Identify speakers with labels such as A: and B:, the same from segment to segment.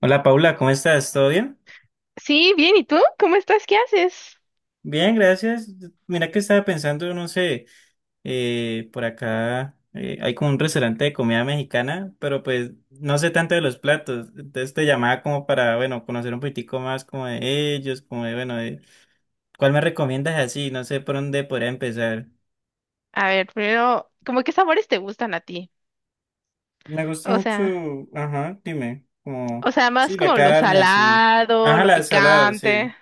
A: Hola Paula, ¿cómo estás? ¿Todo bien?
B: Sí, bien, ¿y tú? ¿Cómo estás? ¿Qué haces?
A: Bien, gracias. Mira que estaba pensando, no sé, por acá hay como un restaurante de comida mexicana, pero pues no sé tanto de los platos. Entonces te llamaba como para, bueno, conocer un poquitico más como de ellos, como de, bueno, de, ¿cuál me recomiendas así? No sé por dónde podría empezar.
B: A ver, primero, ¿cómo qué sabores te gustan a ti?
A: Me gusta
B: O
A: mucho,
B: sea,
A: ajá, dime,
B: o
A: como,
B: sea, más
A: sí, la
B: como lo
A: carne, así.
B: salado,
A: Ajá,
B: lo
A: la salado, sí.
B: picante.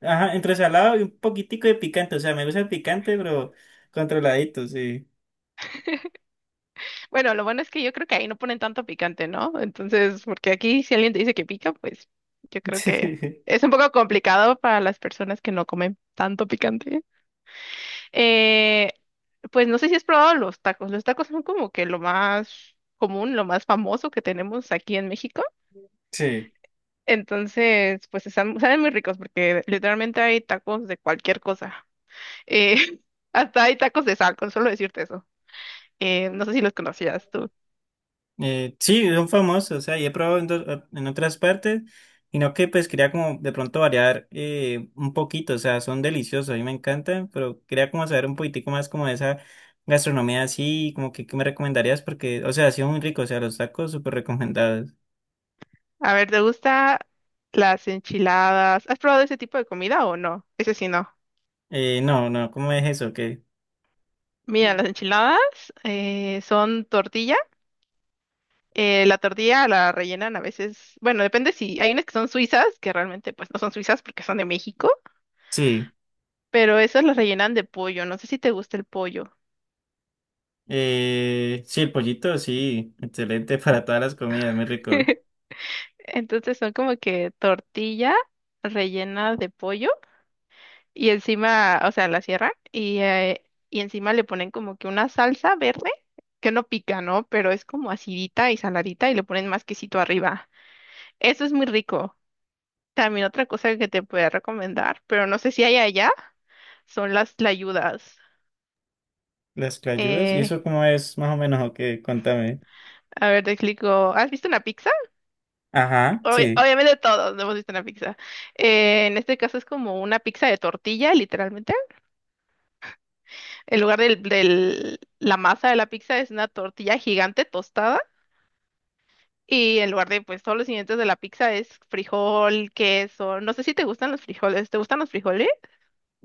A: Ajá, entre salado y un poquitico de picante. O sea, me gusta el picante, pero controladito, sí.
B: Bueno, lo bueno es que yo creo que ahí no ponen tanto picante, ¿no? Entonces, porque aquí si alguien te dice que pica, pues yo creo que es un poco complicado para las personas que no comen tanto picante. Eh, pues no sé si has probado los tacos. Los tacos son como que lo más común, lo más famoso que tenemos aquí en México.
A: Sí. Sí.
B: Entonces, pues están, saben muy ricos porque literalmente hay tacos de cualquier cosa. Eh, Hasta hay tacos de sal, con solo decirte eso. No sé si los conocías tú.
A: Sí, son famosos. O sea, y he probado en, en otras partes. Y no que pues quería como de pronto variar un poquito. O sea, son deliciosos, a mí me encantan. Pero quería como saber un poquitico más como de esa gastronomía así. Como que, ¿qué me recomendarías? Porque, o sea, ha sido muy rico. O sea, los tacos súper recomendados.
B: A ver, ¿te gusta las enchiladas? ¿Has probado ese tipo de comida o no? Ese sí no.
A: No, no, ¿cómo es eso? Qué.
B: Mira, las enchiladas son tortilla. La tortilla la rellenan a veces, bueno, depende si hay unas que son suizas, que realmente pues no son suizas porque son de México,
A: Sí.
B: pero esas las rellenan de pollo. No sé si te gusta el pollo.
A: Sí, el pollito, sí, excelente para todas las comidas, muy rico.
B: Entonces son como que tortilla rellena de pollo y encima, o sea, la cierran y y encima le ponen como que una salsa verde que no pica, ¿no? Pero es como acidita y saladita y le ponen más quesito arriba. Eso es muy rico. También otra cosa que te puedo recomendar, pero no sé si hay allá, son las tlayudas.
A: Las clayudas, ¿y
B: Eh,
A: eso cómo es más o menos o qué? Contame.
B: a ver, te explico. ¿Has visto una pizza?
A: Ajá,
B: Obvi-
A: sí.
B: obviamente todos hemos visto una pizza. En este caso es como una pizza de tortilla, literalmente. En lugar del, del- la masa de la pizza es una tortilla gigante tostada y en lugar de pues todos los ingredientes de la pizza es frijol, queso. No sé si te gustan los frijoles. ¿Te gustan los frijoles?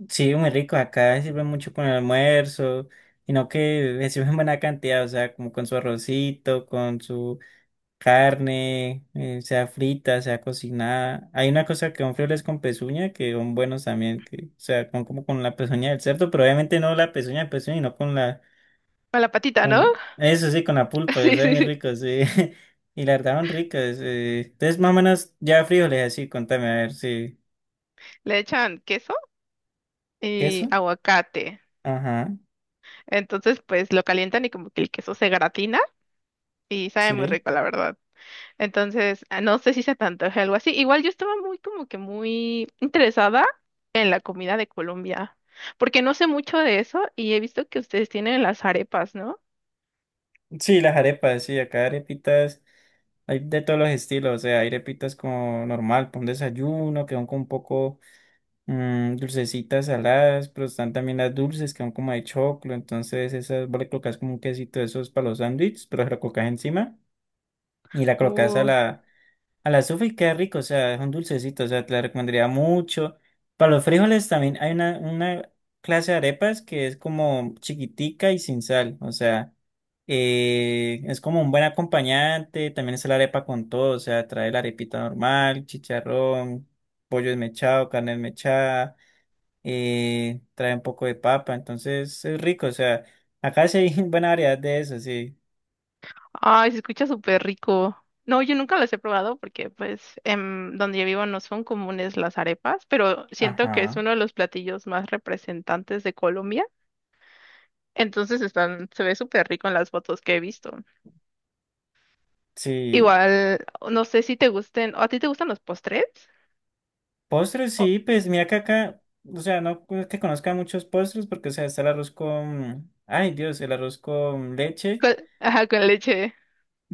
A: Sí, muy rico, acá sirve mucho con el almuerzo, sino que le sirven buena cantidad, o sea, como con su arrocito, con su carne, sea frita, sea cocinada. Hay una cosa que son frijoles con pezuña que son buenos también, que, o sea, con, como con la pezuña del cerdo, pero obviamente no la pezuña de pezuña, sino con la
B: A la patita, ¿no?
A: Con, eso sí, con la pulpa, yo
B: Sí,
A: soy
B: sí,
A: muy
B: sí.
A: rico, sí. Y la verdad, son ricas. Entonces, más o menos, ya frijoles así, contame, a ver, sí.
B: Le echan queso y
A: ¿Queso?
B: aguacate.
A: Ajá,
B: Entonces pues lo calientan y como que el queso se gratina y sabe muy
A: sí.
B: rico, la verdad. Entonces, ah, no sé si se te antoje algo así. Igual yo estaba muy, como que muy interesada en la comida de Colombia, porque no sé mucho de eso y he visto que ustedes tienen las arepas, ¿no?
A: Sí, las arepas, sí, acá arepitas, hay de todos los estilos, o sea, hay arepitas como normal, con desayuno, que son como un poco dulcecitas, saladas, pero están también las dulces, que son como de choclo, entonces esas vos le colocas como un quesito de esos para los sándwiches, pero se lo colocas encima y la colocas a
B: Uy,
A: la Al azufre queda rico, o sea, es un dulcecito, o sea, te la recomendaría mucho. Para los frijoles también hay una clase de arepas que es como chiquitica y sin sal, o sea, es como un buen acompañante, también es la arepa con todo, o sea, trae la arepita normal, chicharrón, pollo desmechado, carne desmechada, trae un poco de papa, entonces es rico, o sea, acá sí hay buena variedad de eso, sí.
B: ay, se escucha súper rico. No, yo nunca las he probado porque, pues, donde yo vivo no son comunes las arepas, pero siento que es
A: Ajá,
B: uno de los platillos más representantes de Colombia. Entonces están, se ve súper rico en las fotos que he visto.
A: sí.
B: Igual, no sé si te gusten, ¿o a ti te gustan los postres?
A: Postres, sí, pues mira que acá, o sea, no es que conozca muchos postres porque, o sea, está el arroz con, ay Dios, el arroz con leche.
B: Con, ajá, con leche.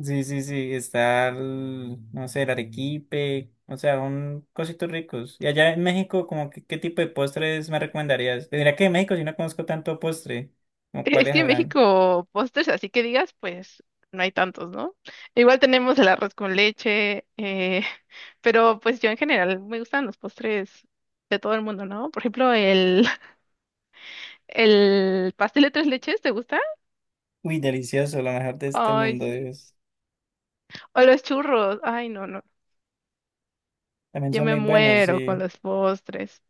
A: Sí, sí, sí, está el, no sé, el arequipe, o sea, un cositos ricos. Y allá en México, como que, ¿qué tipo de postres me recomendarías? Pues mira que en México yo no conozco tanto postre, como
B: Es
A: cuáles
B: que en
A: habrán.
B: México postres, así que digas, pues no hay tantos, ¿no? Igual tenemos el arroz con leche, pero pues yo en general me gustan los postres de todo el mundo, ¿no? Por ejemplo, el pastel de tres leches, ¿te gusta?
A: Uy, delicioso, lo mejor de este
B: Ay,
A: mundo,
B: sí.
A: Dios.
B: O los churros, ay, no, no.
A: También
B: Yo
A: son
B: me
A: muy buenos,
B: muero
A: sí.
B: con los postres.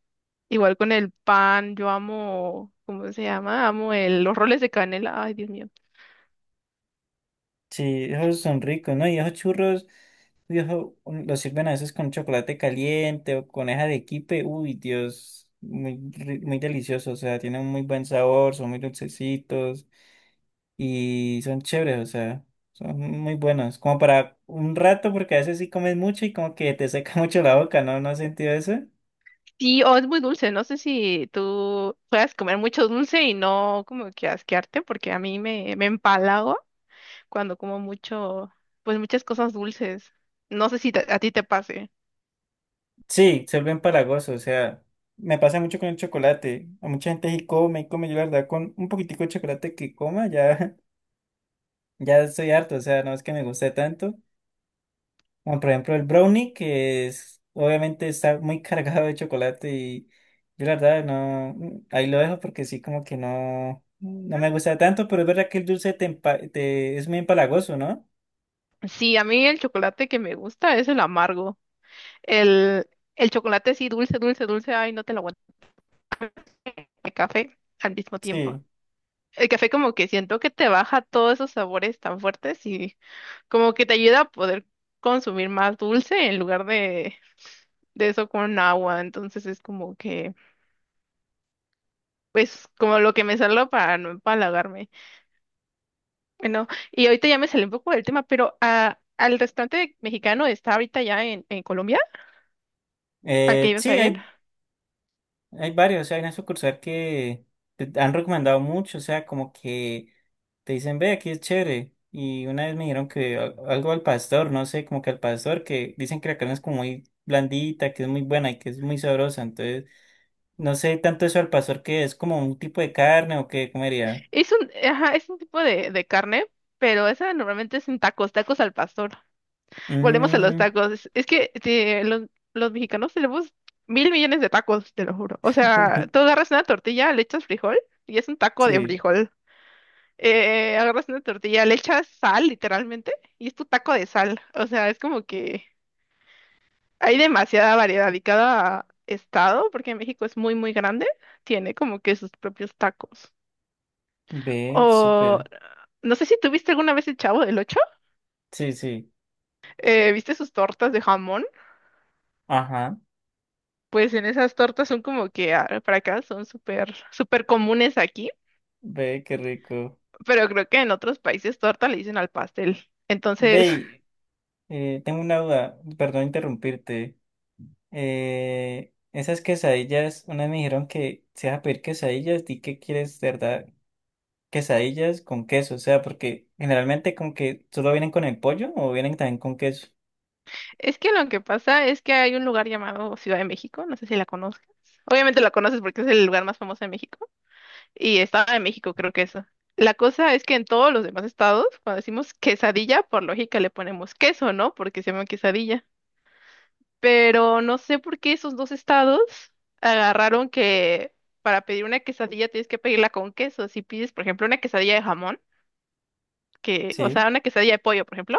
B: Igual con el pan, yo amo, ¿cómo se llama? Amo los roles de canela, ay, Dios mío.
A: Sí, esos son ricos, ¿no? Y esos churros, viejo, los sirven a veces con chocolate caliente o con esa de arequipe. Uy, Dios, muy deliciosos, o sea, tienen un muy buen sabor, son muy dulcecitos y son chéveres, o sea, son muy buenos. Como para un rato, porque a veces sí comes mucho y como que te seca mucho la boca, ¿no? ¿No has sentido eso?
B: Sí, o es muy dulce. No sé si tú puedas comer mucho dulce y no como que asquearte, porque a mí me empalago cuando como mucho, pues muchas cosas dulces. No sé si a ti te pase.
A: Sí, se vuelve empalagoso, o sea, me pasa mucho con el chocolate. A mucha gente sí come y come, yo la verdad con un poquitico de chocolate que coma ya. Ya estoy harto, o sea, no es que me guste tanto. Como por ejemplo el brownie, que es, obviamente está muy cargado de chocolate y yo la verdad no, ahí lo dejo porque sí como que no, no me gusta tanto, pero es verdad que el dulce es muy empalagoso, ¿no?
B: Sí, a mí el chocolate que me gusta es el amargo. El, el chocolate sí, dulce, dulce, dulce, ay, no te lo aguanto. El café al mismo tiempo.
A: Sí.
B: El café como que siento que te baja todos esos sabores tan fuertes y como que te ayuda a poder consumir más dulce en lugar de eso con agua. Entonces es como que, pues, como lo que me salva para no empalagarme. Bueno, y ahorita ya me salí un poco del tema, pero ah, al restaurante mexicano está ahorita ya en Colombia, al que ibas a
A: Sí,
B: ir.
A: hay varios, o sea, hay una sucursal que te han recomendado mucho, o sea, como que te dicen, ve, aquí es chévere. Y una vez me dijeron que algo al pastor, no sé, como que al pastor, que dicen que la carne es como muy blandita, que es muy buena y que es muy sabrosa. Entonces, no sé tanto eso al pastor, que es como un tipo de carne o qué comería.
B: Es un, ajá, es un tipo de carne, pero esa normalmente es en tacos, tacos al pastor. Volvemos a los
A: Mm.
B: tacos. Es que sí, los mexicanos tenemos mil millones de tacos, te lo juro. O sea, tú agarras una tortilla, le echas frijol y es un taco de
A: Sí,
B: frijol. Agarras una tortilla, le echas sal, literalmente, y es tu taco de sal. O sea, es como que hay demasiada variedad y cada estado, porque México es muy, muy grande, tiene como que sus propios tacos.
A: ve,
B: O
A: súper.
B: no sé si tuviste alguna vez el Chavo del Ocho.
A: Sí, sí,
B: ¿Viste sus tortas de jamón?
A: ajá,
B: Pues en esas tortas son como que ah, para acá son súper, súper comunes aquí,
A: ve, qué rico.
B: pero creo que en otros países torta le dicen al pastel.
A: Ve,
B: Entonces,
A: y, tengo una duda, perdón interrumpirte. Esas quesadillas, una vez me dijeron que si vas a pedir quesadillas, di que quieres, de verdad, quesadillas con queso, o sea, porque generalmente como que solo vienen con el pollo o vienen también con queso.
B: es que lo que pasa es que hay un lugar llamado Ciudad de México, no sé si la conozcas. Obviamente la conoces porque es el lugar más famoso de México y Estado de México, creo que eso. La cosa es que en todos los demás estados, cuando decimos quesadilla, por lógica le ponemos queso, ¿no? Porque se llama quesadilla. Pero no sé por qué esos dos estados agarraron que para pedir una quesadilla tienes que pedirla con queso. Si pides, por ejemplo, una quesadilla de jamón, que, o
A: Sí,
B: sea, una quesadilla de pollo, por ejemplo,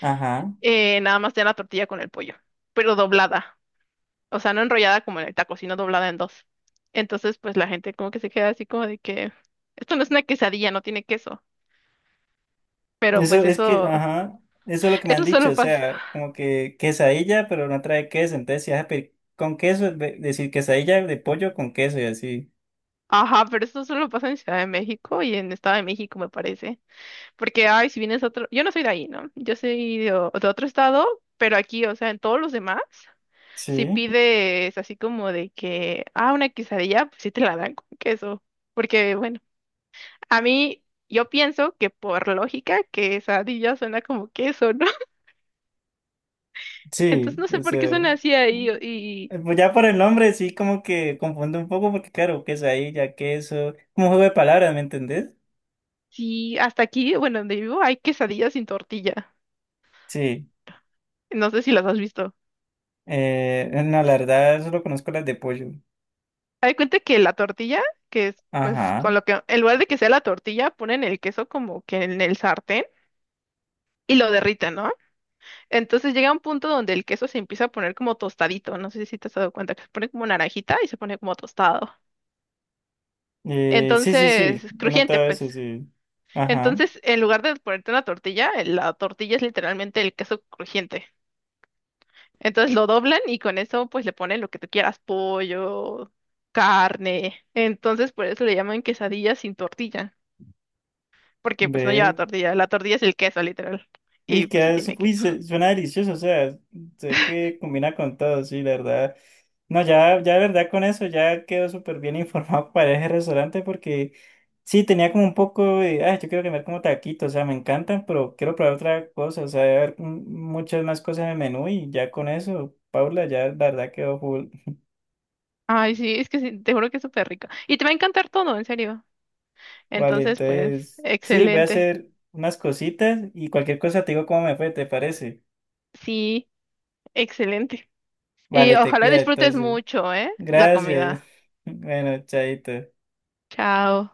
A: ajá.
B: nada más te dan la tortilla con el pollo, pero doblada, o sea, no enrollada como en el taco, sino doblada en dos. Entonces, pues la gente como que se queda así como de que esto no es una quesadilla, no tiene queso. Pero
A: Eso
B: pues
A: es que,
B: eso,
A: ajá, eso es lo que me han
B: eso
A: dicho,
B: solo
A: o
B: pasa.
A: sea, como que quesadilla, pero no trae queso, entonces si vas a pedir con queso, es decir quesadilla de pollo con queso y así.
B: Ajá, pero eso solo pasa en Ciudad de México y en Estado de México, me parece. Porque, ay, si vienes a otro, yo no soy de ahí, ¿no? Yo soy de, de otro estado, pero aquí, o sea, en todos los demás, si
A: Sí,
B: pides así como de que, ah, una quesadilla, pues sí te la dan con queso. Porque, bueno, a mí, yo pienso que por lógica, quesadilla suena como queso, ¿no? Entonces
A: sí,
B: no sé
A: o
B: por qué
A: sea.
B: suena así ahí. Y
A: Pues ya por el nombre sí como que confunde un poco porque claro, quesadilla, queso, como un juego de palabras, ¿me entendés?
B: sí, hasta aquí, bueno, donde vivo, hay quesadillas sin tortilla.
A: Sí,
B: No sé si las has visto.
A: no, la verdad solo conozco las de pollo.
B: Hay cuenta que la tortilla, que es pues
A: Ajá.
B: con lo que, en lugar de que sea la tortilla, ponen el queso como que en el sartén y lo derriten, ¿no? Entonces llega un punto donde el queso se empieza a poner como tostadito, no sé si te has dado cuenta, que se pone como naranjita y se pone como tostado.
A: Sí, sí, sí,
B: Entonces,
A: he
B: crujiente,
A: notado eso,
B: pues.
A: sí. Ajá.
B: Entonces, en lugar de ponerte una tortilla, la tortilla es literalmente el queso crujiente. Entonces lo doblan y con eso pues le ponen lo que tú quieras, pollo, carne. Entonces, por eso le llaman quesadilla sin tortilla. Porque pues no lleva
A: Ve,
B: tortilla, la tortilla es el queso, literal. Y
A: uy,
B: pues sí
A: queda,
B: tiene queso.
A: suena delicioso, o sea, sé que combina con todo, sí, la verdad. No, ya, ya de verdad con eso ya quedo súper bien informado para ese restaurante porque sí, tenía como un poco de, ay, yo quiero comer como taquitos, o sea, me encantan, pero quiero probar otra cosa, o sea, debe haber muchas más cosas en el menú y ya con eso, Paula, ya la verdad quedó full.
B: Ay, sí, es que sí, te juro que es súper rico. Y te va a encantar todo, en serio.
A: Vale,
B: Entonces, pues,
A: entonces, sí, voy a
B: excelente.
A: hacer unas cositas y cualquier cosa te digo cómo me fue, ¿te parece?
B: Sí, excelente. Y
A: Vale, te
B: ojalá
A: cuida
B: disfrutes
A: entonces.
B: mucho, ¿eh? La
A: Gracias.
B: comida.
A: Bueno, chaito.
B: Chao.